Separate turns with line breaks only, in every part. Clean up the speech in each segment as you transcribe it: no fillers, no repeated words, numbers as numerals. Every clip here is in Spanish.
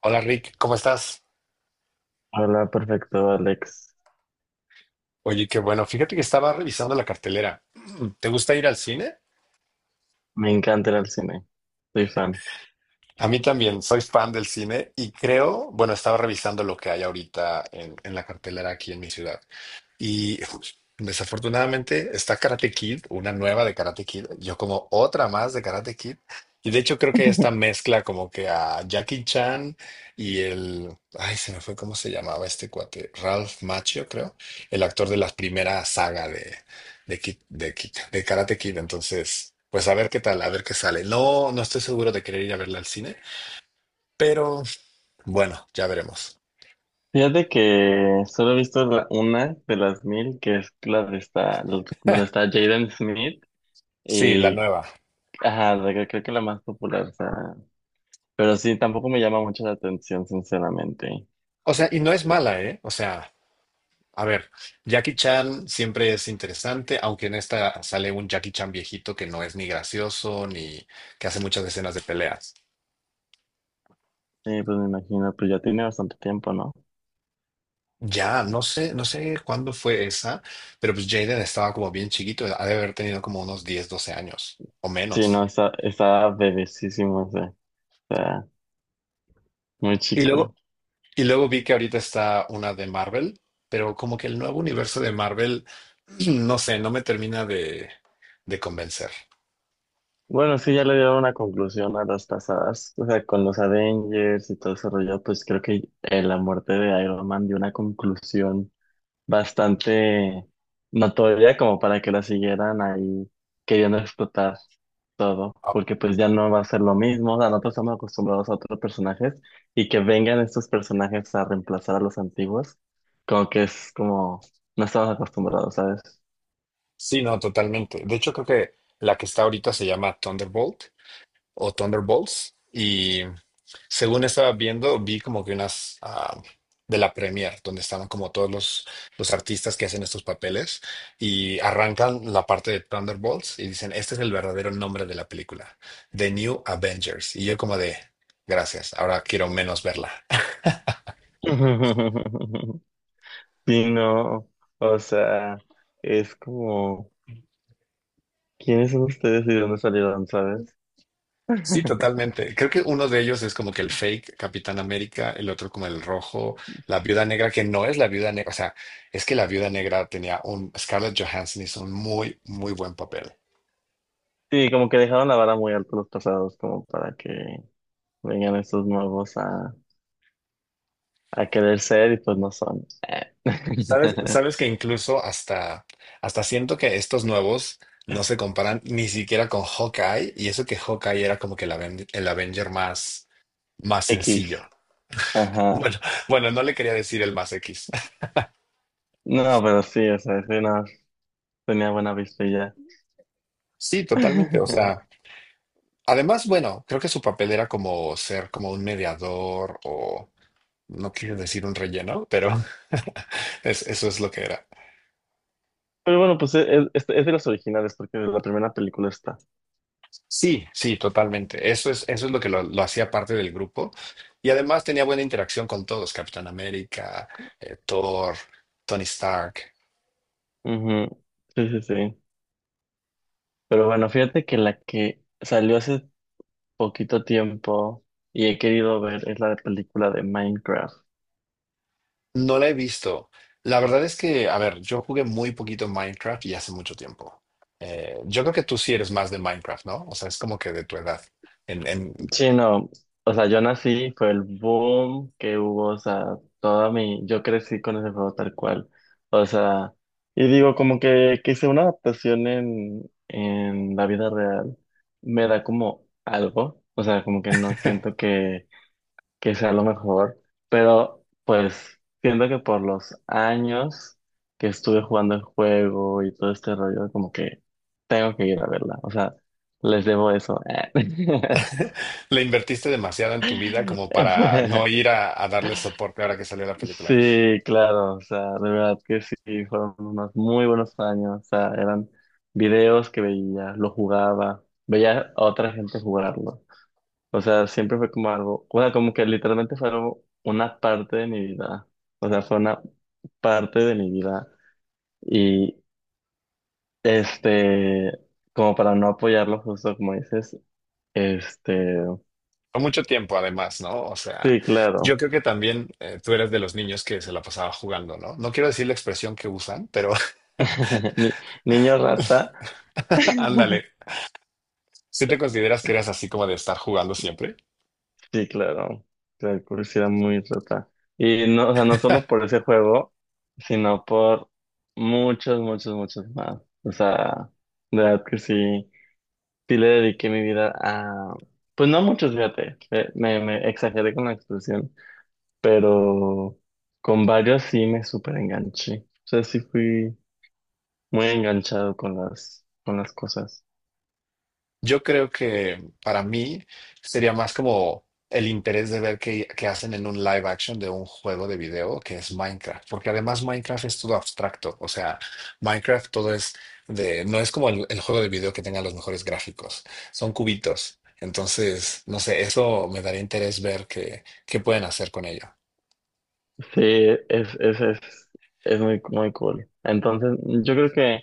Hola Rick, ¿cómo estás?
Hola, perfecto, Alex.
Oye, qué bueno. Fíjate que estaba revisando la cartelera. ¿Te gusta ir al cine?
Me encanta ir al cine. Soy fan.
A mí también, soy fan del cine y creo, bueno, estaba revisando lo que hay ahorita en la cartelera aquí en mi ciudad. Y desafortunadamente está Karate Kid, una nueva de Karate Kid, yo como otra más de Karate Kid. Y de hecho creo que esta mezcla como que a Jackie Chan y el... Ay, se me fue cómo se llamaba este cuate. Ralph Macchio, creo. El actor de la primera saga de Karate Kid. Entonces, pues a ver qué tal, a ver qué sale. No, no estoy seguro de querer ir a verla al cine, pero bueno, ya veremos.
Fíjate que solo he visto una de las mil, que es la de esta, donde está Jaden Smith.
Sí, la
Y,
nueva.
ajá, creo que la más popular. O sea, pero sí, tampoco me llama mucho la atención, sinceramente.
O sea, y no es mala, ¿eh? O sea. A ver, Jackie Chan siempre es interesante, aunque en esta sale un Jackie Chan viejito que no es ni gracioso ni que hace muchas escenas de peleas.
Sí, pues me imagino, pues ya tiene bastante tiempo, ¿no?
Ya, no sé cuándo fue esa, pero pues Jaden estaba como bien chiquito, ha de haber tenido como unos 10, 12 años o
Sí,
menos.
no, está bebecísimo, o sea, está muy
Y luego,
chico.
y luego vi que ahorita está una de Marvel, pero como que el nuevo universo de Marvel, no sé, no me termina de convencer.
Bueno, sí, ya le dieron una conclusión a las pasadas. O sea, con los Avengers y todo ese rollo, pues creo que la muerte de Iron Man dio una conclusión bastante notoria como para que la siguieran ahí queriendo explotar todo,
Ah,
porque pues ya no va a ser lo mismo. O sea, nosotros estamos acostumbrados a otros personajes y que vengan estos personajes a reemplazar a los antiguos, como que es como no estamos acostumbrados, ¿sabes?
sí, no, totalmente. De hecho, creo que la que está ahorita se llama Thunderbolt o Thunderbolts. Y según estaba viendo, vi como que unas de la premier, donde estaban como todos los artistas que hacen estos papeles y arrancan la parte de Thunderbolts y dicen, este es el verdadero nombre de la película, The New Avengers. Y yo como de, gracias, ahora quiero menos verla.
Sí, no, o sea, es como, ¿quiénes son ustedes y de dónde salieron, sabes?
Sí, totalmente. Creo que uno de ellos es como que el fake Capitán América, el otro como el rojo, la Viuda Negra, que no es la Viuda Negra. O sea, es que la Viuda Negra tenía un... Scarlett Johansson hizo un muy, muy buen papel.
Sí, como que dejaron la vara muy alta los pasados, como para que vengan estos nuevos a querer ser y pues no son.
Sabes, sabes que incluso hasta siento que estos nuevos no se comparan ni siquiera con Hawkeye, y eso que Hawkeye era como que el Avenger más sencillo.
X, ajá.
Bueno, bueno, no le quería decir el más X.
No, pero sí, o sea, sí, no, tenía buena vista y ya.
Sí, totalmente. O sea. Además, bueno, creo que su papel era como ser como un mediador o no quiero decir un relleno, pero eso es lo que era.
Pero bueno, pues es de los originales, porque de la primera película está.
Sí, sí, totalmente. Eso es lo que lo hacía parte del grupo. Y además tenía buena interacción con todos, Capitán América, Thor, Tony Stark.
Ujú. Sí, sí, sí. Pero bueno, fíjate que la que salió hace poquito tiempo y he querido ver es la película de Minecraft.
No la he visto. La verdad es que, a ver, yo jugué muy poquito Minecraft y hace mucho tiempo. Yo creo que tú sí eres más de Minecraft, ¿no? O sea, es como que de tu edad. En, en-
Sí, no, o sea, yo nací, fue el boom que hubo, o sea, toda mi, yo crecí con ese juego tal cual, o sea, y digo, como que hice una adaptación en la vida real, me da como algo, o sea, como que no siento que sea lo mejor, pero pues siento que por los años que estuve jugando el juego y todo este rollo, como que tengo que ir a verla, o sea, les debo eso.
Le invertiste demasiado en tu vida como para no ir a darle soporte ahora que salió la película.
Sí, claro, o sea, de verdad que sí, fueron unos muy buenos años, o sea, eran videos que veía, lo jugaba, veía a otra gente jugarlo. O sea, siempre fue como algo, o sea, como que literalmente fue una parte de mi vida. O sea, fue una parte de mi vida. Y este, como para no apoyarlo justo como dices, este,
Fue mucho tiempo además, ¿no? O sea,
sí,
yo
claro.
creo que también tú eres de los niños que se la pasaba jugando, ¿no? No quiero decir la expresión que usan, pero
Ni- niño rata.
ándale. ¿Sí te consideras que eras así como de estar jugando siempre?
Sí, claro. La era muy rata. Y no, o sea, no solo por ese juego, sino por muchos, muchos, muchos más. O sea, de verdad que sí. Sí le dediqué mi vida a, pues no muchos, fíjate, me exageré con la expresión, pero con varios sí me súper enganché. O sea, sí fui muy enganchado con las cosas.
Yo creo que para mí sería más como el interés de ver qué hacen en un live action de un juego de video que es Minecraft, porque además Minecraft es todo abstracto, o sea, Minecraft todo es de, no es como el juego de video que tenga los mejores gráficos, son cubitos. Entonces, no sé, eso me daría interés ver qué pueden hacer con ello.
Sí, es, es, es, es muy, muy cool. Entonces, yo creo que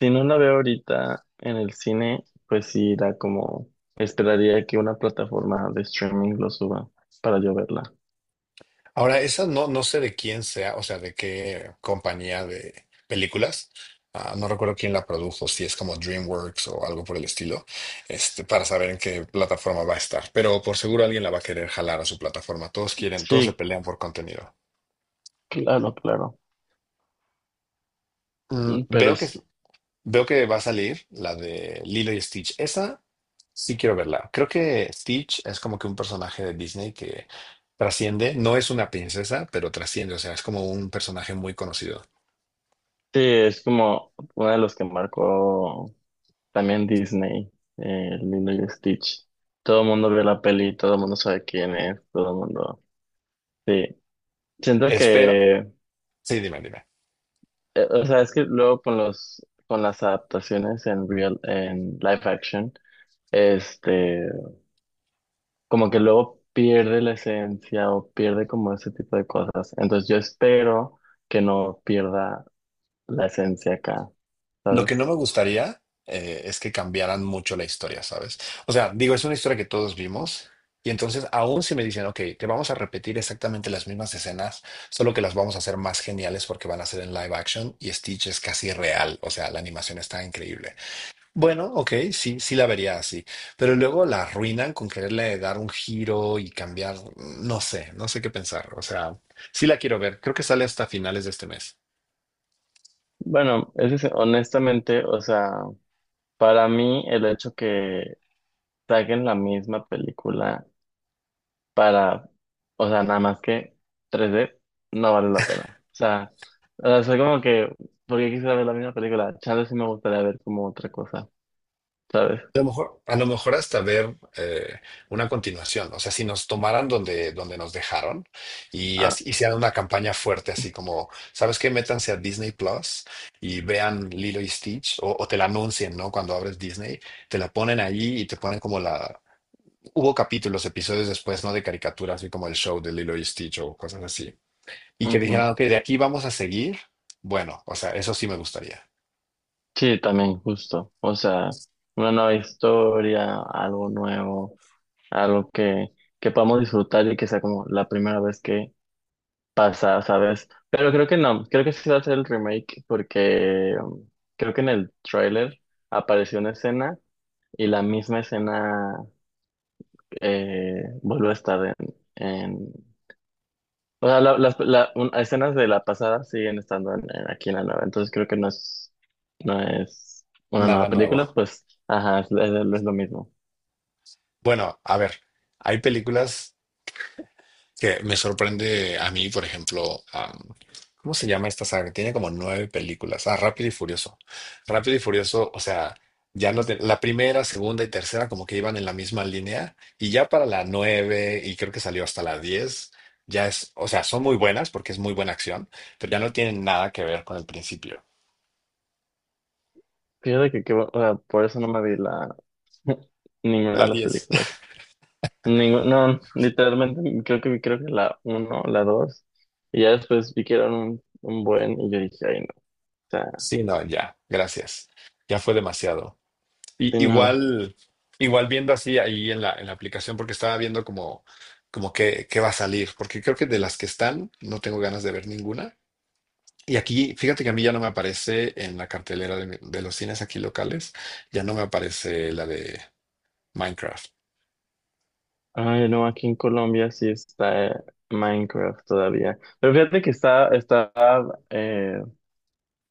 si no la veo ahorita en el cine, pues sí irá como, esperaría que una plataforma de streaming lo suba para yo verla.
Ahora, esa no, no sé de quién sea, o sea, de qué compañía de películas. Ah, no recuerdo quién la produjo, si es como DreamWorks o algo por el estilo, este, para saber en qué plataforma va a estar. Pero por seguro alguien la va a querer jalar a su plataforma. Todos quieren, todos se
Sí,
pelean por contenido.
claro, claro.
Mm,
Pero
veo que,
sí.
veo que va a salir la de Lilo y Stitch. Esa sí quiero verla. Creo que Stitch es como que un personaje de Disney que trasciende. No es una princesa, pero trasciende. O sea, es como un personaje muy conocido.
Sí, es como uno de los que marcó también Disney, Lilo y Stitch. Todo el mundo vio la peli, todo el mundo sabe quién es, todo el mundo. Sí, siento
Espero
que,
Sí, dime, dime.
o sea, es que luego con las adaptaciones en real, en live action, este, como que luego pierde la esencia o pierde como ese tipo de cosas. Entonces yo espero que no pierda la esencia acá,
Lo que no
¿sabes?
me gustaría es que cambiaran mucho la historia, ¿sabes? O sea, digo, es una historia que todos vimos y entonces aún si me dicen, ok, te vamos a repetir exactamente las mismas escenas, solo que las vamos a hacer más geniales porque van a ser en live action y Stitch es casi real, o sea, la animación está increíble. Bueno, ok, sí, sí la vería así, pero luego la arruinan con quererle dar un giro y cambiar, no sé qué pensar, o sea, sí la quiero ver, creo que sale hasta finales de este mes.
Bueno, es que honestamente, o sea, para mí el hecho que saquen la misma película para, o sea, nada más que 3D, no vale la pena. O sea, soy como que, porque quisiera ver la misma película, chance sí me gustaría ver como otra cosa, ¿sabes?
A lo mejor hasta ver una continuación. O sea, si nos tomaran donde nos dejaron y
Ah,
así, hicieran una campaña fuerte, así como, ¿sabes qué? Métanse a Disney Plus y vean Lilo y Stitch o te la anuncien, ¿no? Cuando abres Disney, te la ponen allí y te ponen como la. Hubo capítulos, episodios después, ¿no? De caricaturas, así como el show de Lilo y Stitch o cosas así. Y que
ujú.
dijeran, ok, de aquí vamos a seguir. Bueno, o sea, eso sí me gustaría.
Sí, también, justo. O sea, una nueva historia, algo nuevo, algo que podamos disfrutar y que sea como la primera vez que pasar, ¿sabes? Pero creo que no, creo que sí va a ser el remake porque creo que en el tráiler apareció una escena y la misma escena vuelve a estar en- O sea, escenas de la pasada siguen estando aquí en la nueva, entonces creo que no es, una
Nada
nueva
nuevo.
película, pues, ajá, es lo mismo.
Bueno, a ver, hay películas que me sorprende a mí, por ejemplo, ¿cómo se llama esta saga? Tiene como 9 películas. Ah, Rápido y Furioso. Rápido y Furioso, o sea, ya no te- la primera, segunda y tercera como que iban en la misma línea y ya para la nueve y creo que salió hasta la diez, ya es, o sea, son muy buenas porque es muy buena acción, pero ya no tienen nada que ver con el principio.
Fíjate o sea, por eso no me vi la, ninguna de
La
las
diez.
películas. No, literalmente creo que la uno, la dos, y ya después vi que eran un buen, y yo dije, ay no, o sea,
Sí, no, ya, gracias. Ya fue demasiado.
sí,
Y-
no,
igual, igual viendo así ahí en la aplicación, porque estaba viendo como qué va a salir, porque creo que de las que están no tengo ganas de ver ninguna. Y aquí, fíjate que a mí ya no me aparece en la cartelera de los cines aquí locales, ya no me aparece la de Minecraft.
ay no, aquí en Colombia sí está Minecraft todavía. Pero fíjate que está eh,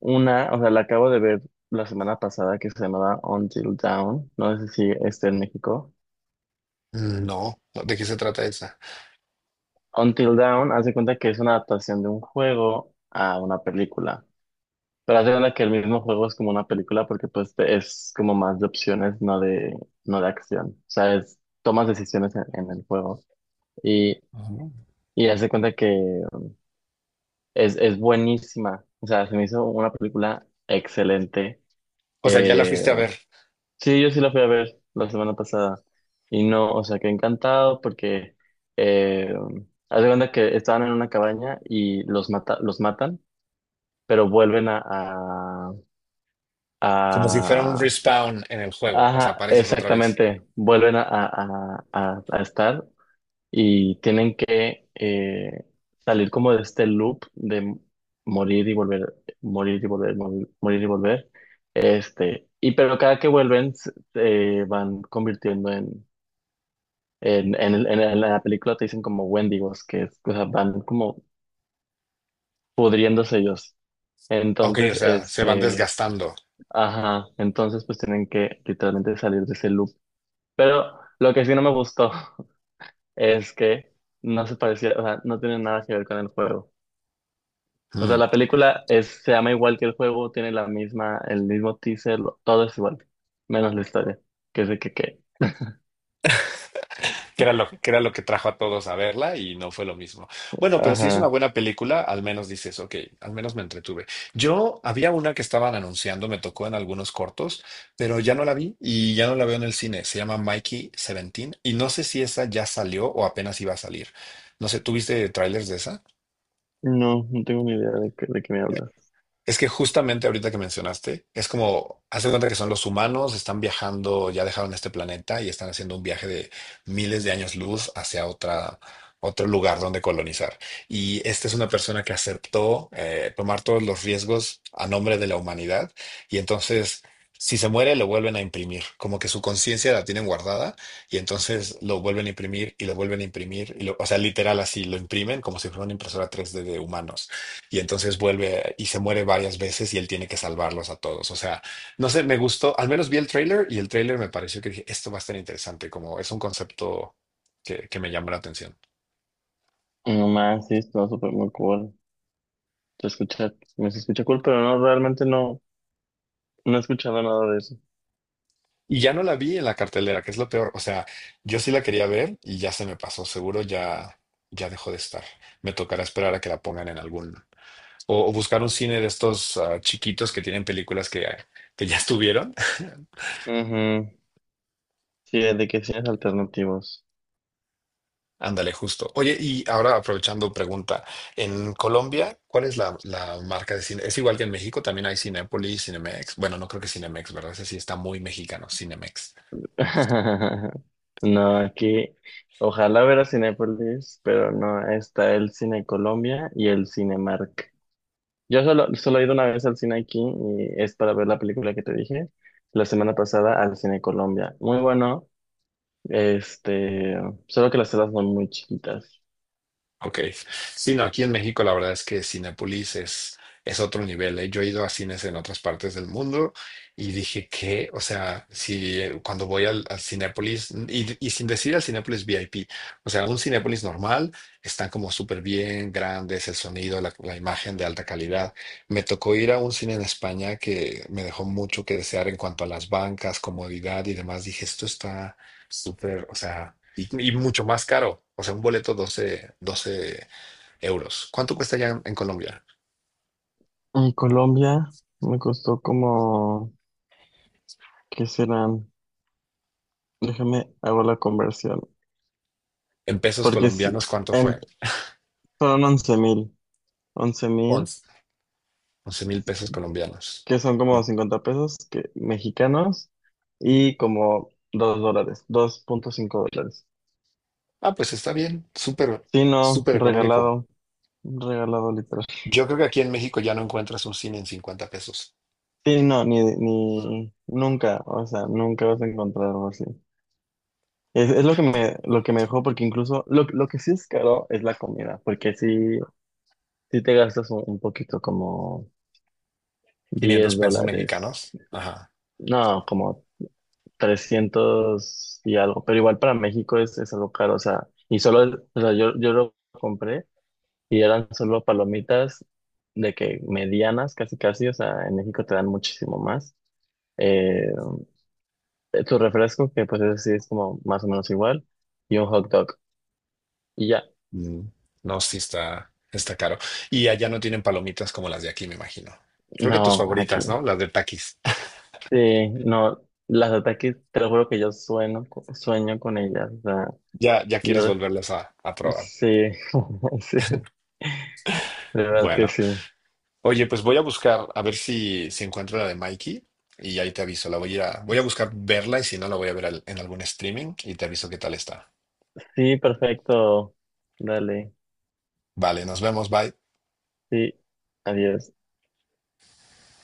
una, o sea, la acabo de ver la semana pasada que se llamaba Until Dawn, no sé si está en México.
Mm, no, no, ¿de qué se trata esa?
Until Dawn, hace cuenta que es una adaptación de un juego a una película. Pero hace cuenta que el mismo juego es como una película porque pues es como más de opciones, no de acción. O sea, tomas decisiones en el juego y,
Ah.
y hace cuenta que es buenísima. O sea, se me hizo una película excelente.
O sea, ya la
Eh,
fuiste a ver,
sí, yo sí la fui a ver la semana pasada y no, o sea, que encantado porque eh, haz de cuenta que estaban en una cabaña y los matan, pero vuelven a, a,
como si fuera un
a
respawn en el juego, o sea,
Ajá,
apareces otra vez.
exactamente. Vuelven a estar y tienen que salir como de este loop de morir y volver, morir y volver, morir y volver. Y pero cada que vuelven se van convirtiendo en la película te dicen como Wendigos, que es, o sea, van como pudriéndose ellos.
Ok, o
Entonces,
sea, se van desgastando.
ajá, entonces pues tienen que literalmente salir de ese loop. Pero lo que sí no me gustó, es que no se parecía, o sea, no tiene nada que ver con el juego. O sea,
Mm.
la película es, se llama igual que el juego, tiene la misma, el mismo teaser, todo es igual, menos la historia, que es de que,
Que era lo que trajo a todos a verla y no fue lo mismo. Bueno, pero si es una
ajá,
buena película, al menos dices, ok, al menos me entretuve. Yo había una que estaban anunciando, me tocó en algunos cortos, pero ya no la vi y ya no la veo en el cine. Se llama Mikey Seventeen y no sé si esa ya salió o apenas iba a salir. No sé, ¿tuviste trailers de esa?
no, no tengo ni idea de qué me hablas.
Es que justamente ahorita que mencionaste, es como, haz de cuenta que son los humanos, están viajando, ya dejaron este planeta y están haciendo un viaje de miles de años luz hacia otra, otro lugar donde colonizar. Y esta es una persona que aceptó tomar todos los riesgos a nombre de la humanidad. Y entonces, si se muere, lo vuelven a imprimir, como que su conciencia la tienen guardada y entonces lo vuelven a imprimir y lo vuelven a imprimir. O sea, literal así, lo imprimen como si fuera una impresora 3D de humanos y entonces vuelve y se muere varias veces y él tiene que salvarlos a todos. O sea, no sé, me gustó, al menos vi el tráiler y el tráiler me pareció que dije, esto va a estar interesante, como es un concepto que me llama la atención.
No más, sí, está súper muy cool. Se escucha, me se escucha cool, pero no, realmente no, no he escuchado nada de eso.
Y ya no la vi en la cartelera, que es lo peor. O sea, yo sí la quería ver y ya se me pasó, seguro ya dejó de estar. Me tocará esperar a que la pongan en algún. O buscar un cine de estos chiquitos que tienen películas que ya estuvieron.
Ujú. Sí, de que cines alternativos.
Ándale, justo. Oye, y ahora aprovechando pregunta, en Colombia, ¿cuál es la marca de cine? Es igual que en México, también hay Cinépolis, Cinemex. Bueno, no creo que Cinemex, ¿verdad? Ese sí está muy mexicano, Cinemex.
No, aquí ojalá ver a Cinépolis, pero no, está el Cine Colombia y el Cinemark. Yo solo he ido una vez al cine aquí y es para ver la película que te dije la semana pasada al Cine Colombia. Muy bueno, este, solo que las salas son muy chiquitas.
Ok. Sí, no, aquí en México la verdad es que Cinépolis es otro nivel. ¿Eh? Yo he ido a cines en otras partes del mundo y dije que, o sea, si cuando voy al Cinépolis, y sin decir al Cinépolis VIP, o sea, un Cinépolis normal, están como súper bien, grandes, el sonido, la imagen de alta calidad. Me tocó ir a un cine en España que me dejó mucho que desear en cuanto a las bancas, comodidad y demás. Dije, esto está súper, o sea, y mucho más caro. O sea, un boleto 12, 12 euros. ¿Cuánto cuesta ya en Colombia?
En Colombia me costó como, ¿qué serán? Déjame, hago la conversión,
En pesos
porque es,
colombianos, ¿cuánto
en-
fue?
fueron 11 mil, 11.000.
11, 11 mil pesos colombianos.
Que son como
No.
$50 mexicanos y como $2, $2,5.
Ah, pues está bien, súper,
Sí, no,
súper económico.
regalado, regalado literal.
Yo creo que aquí en México ya no encuentras un cine en 50 pesos.
Sí, no, ni nunca, o sea, nunca vas a encontrar algo así. Es lo que me dejó, porque incluso lo que sí es caro es la comida, porque sí, sí te gastas un poquito como
quinientos
10
pesos
dólares,
mexicanos. Ajá.
no, como 300 y algo, pero igual para México es algo caro, o sea, y solo, o sea, yo lo compré y eran solo palomitas de que medianas, casi casi, o sea, en México te dan muchísimo más. Eh, tu refresco, que pues ese sí es como más o menos igual, y un hot dog. Y ya,
Mm, no, sí está caro. Y allá no tienen palomitas como las de aquí, me imagino. Creo que tus
no,
favoritas,
aquí.
¿no? Las de Takis.
Sí, no, las ataques, te lo juro que yo sueño, con ellas, o sea,
Ya, ya
yo,
quieres volverlas a probar.
sí, sí, de verdad que
Bueno,
sí.
oye, pues voy a buscar a ver si encuentro la de Mikey y ahí te aviso. La voy a, ir a- Voy a buscar verla y si no, la voy a ver en algún streaming y te aviso qué tal está.
Sí, perfecto. Dale.
Vale, nos vemos, bye.
Sí. Adiós.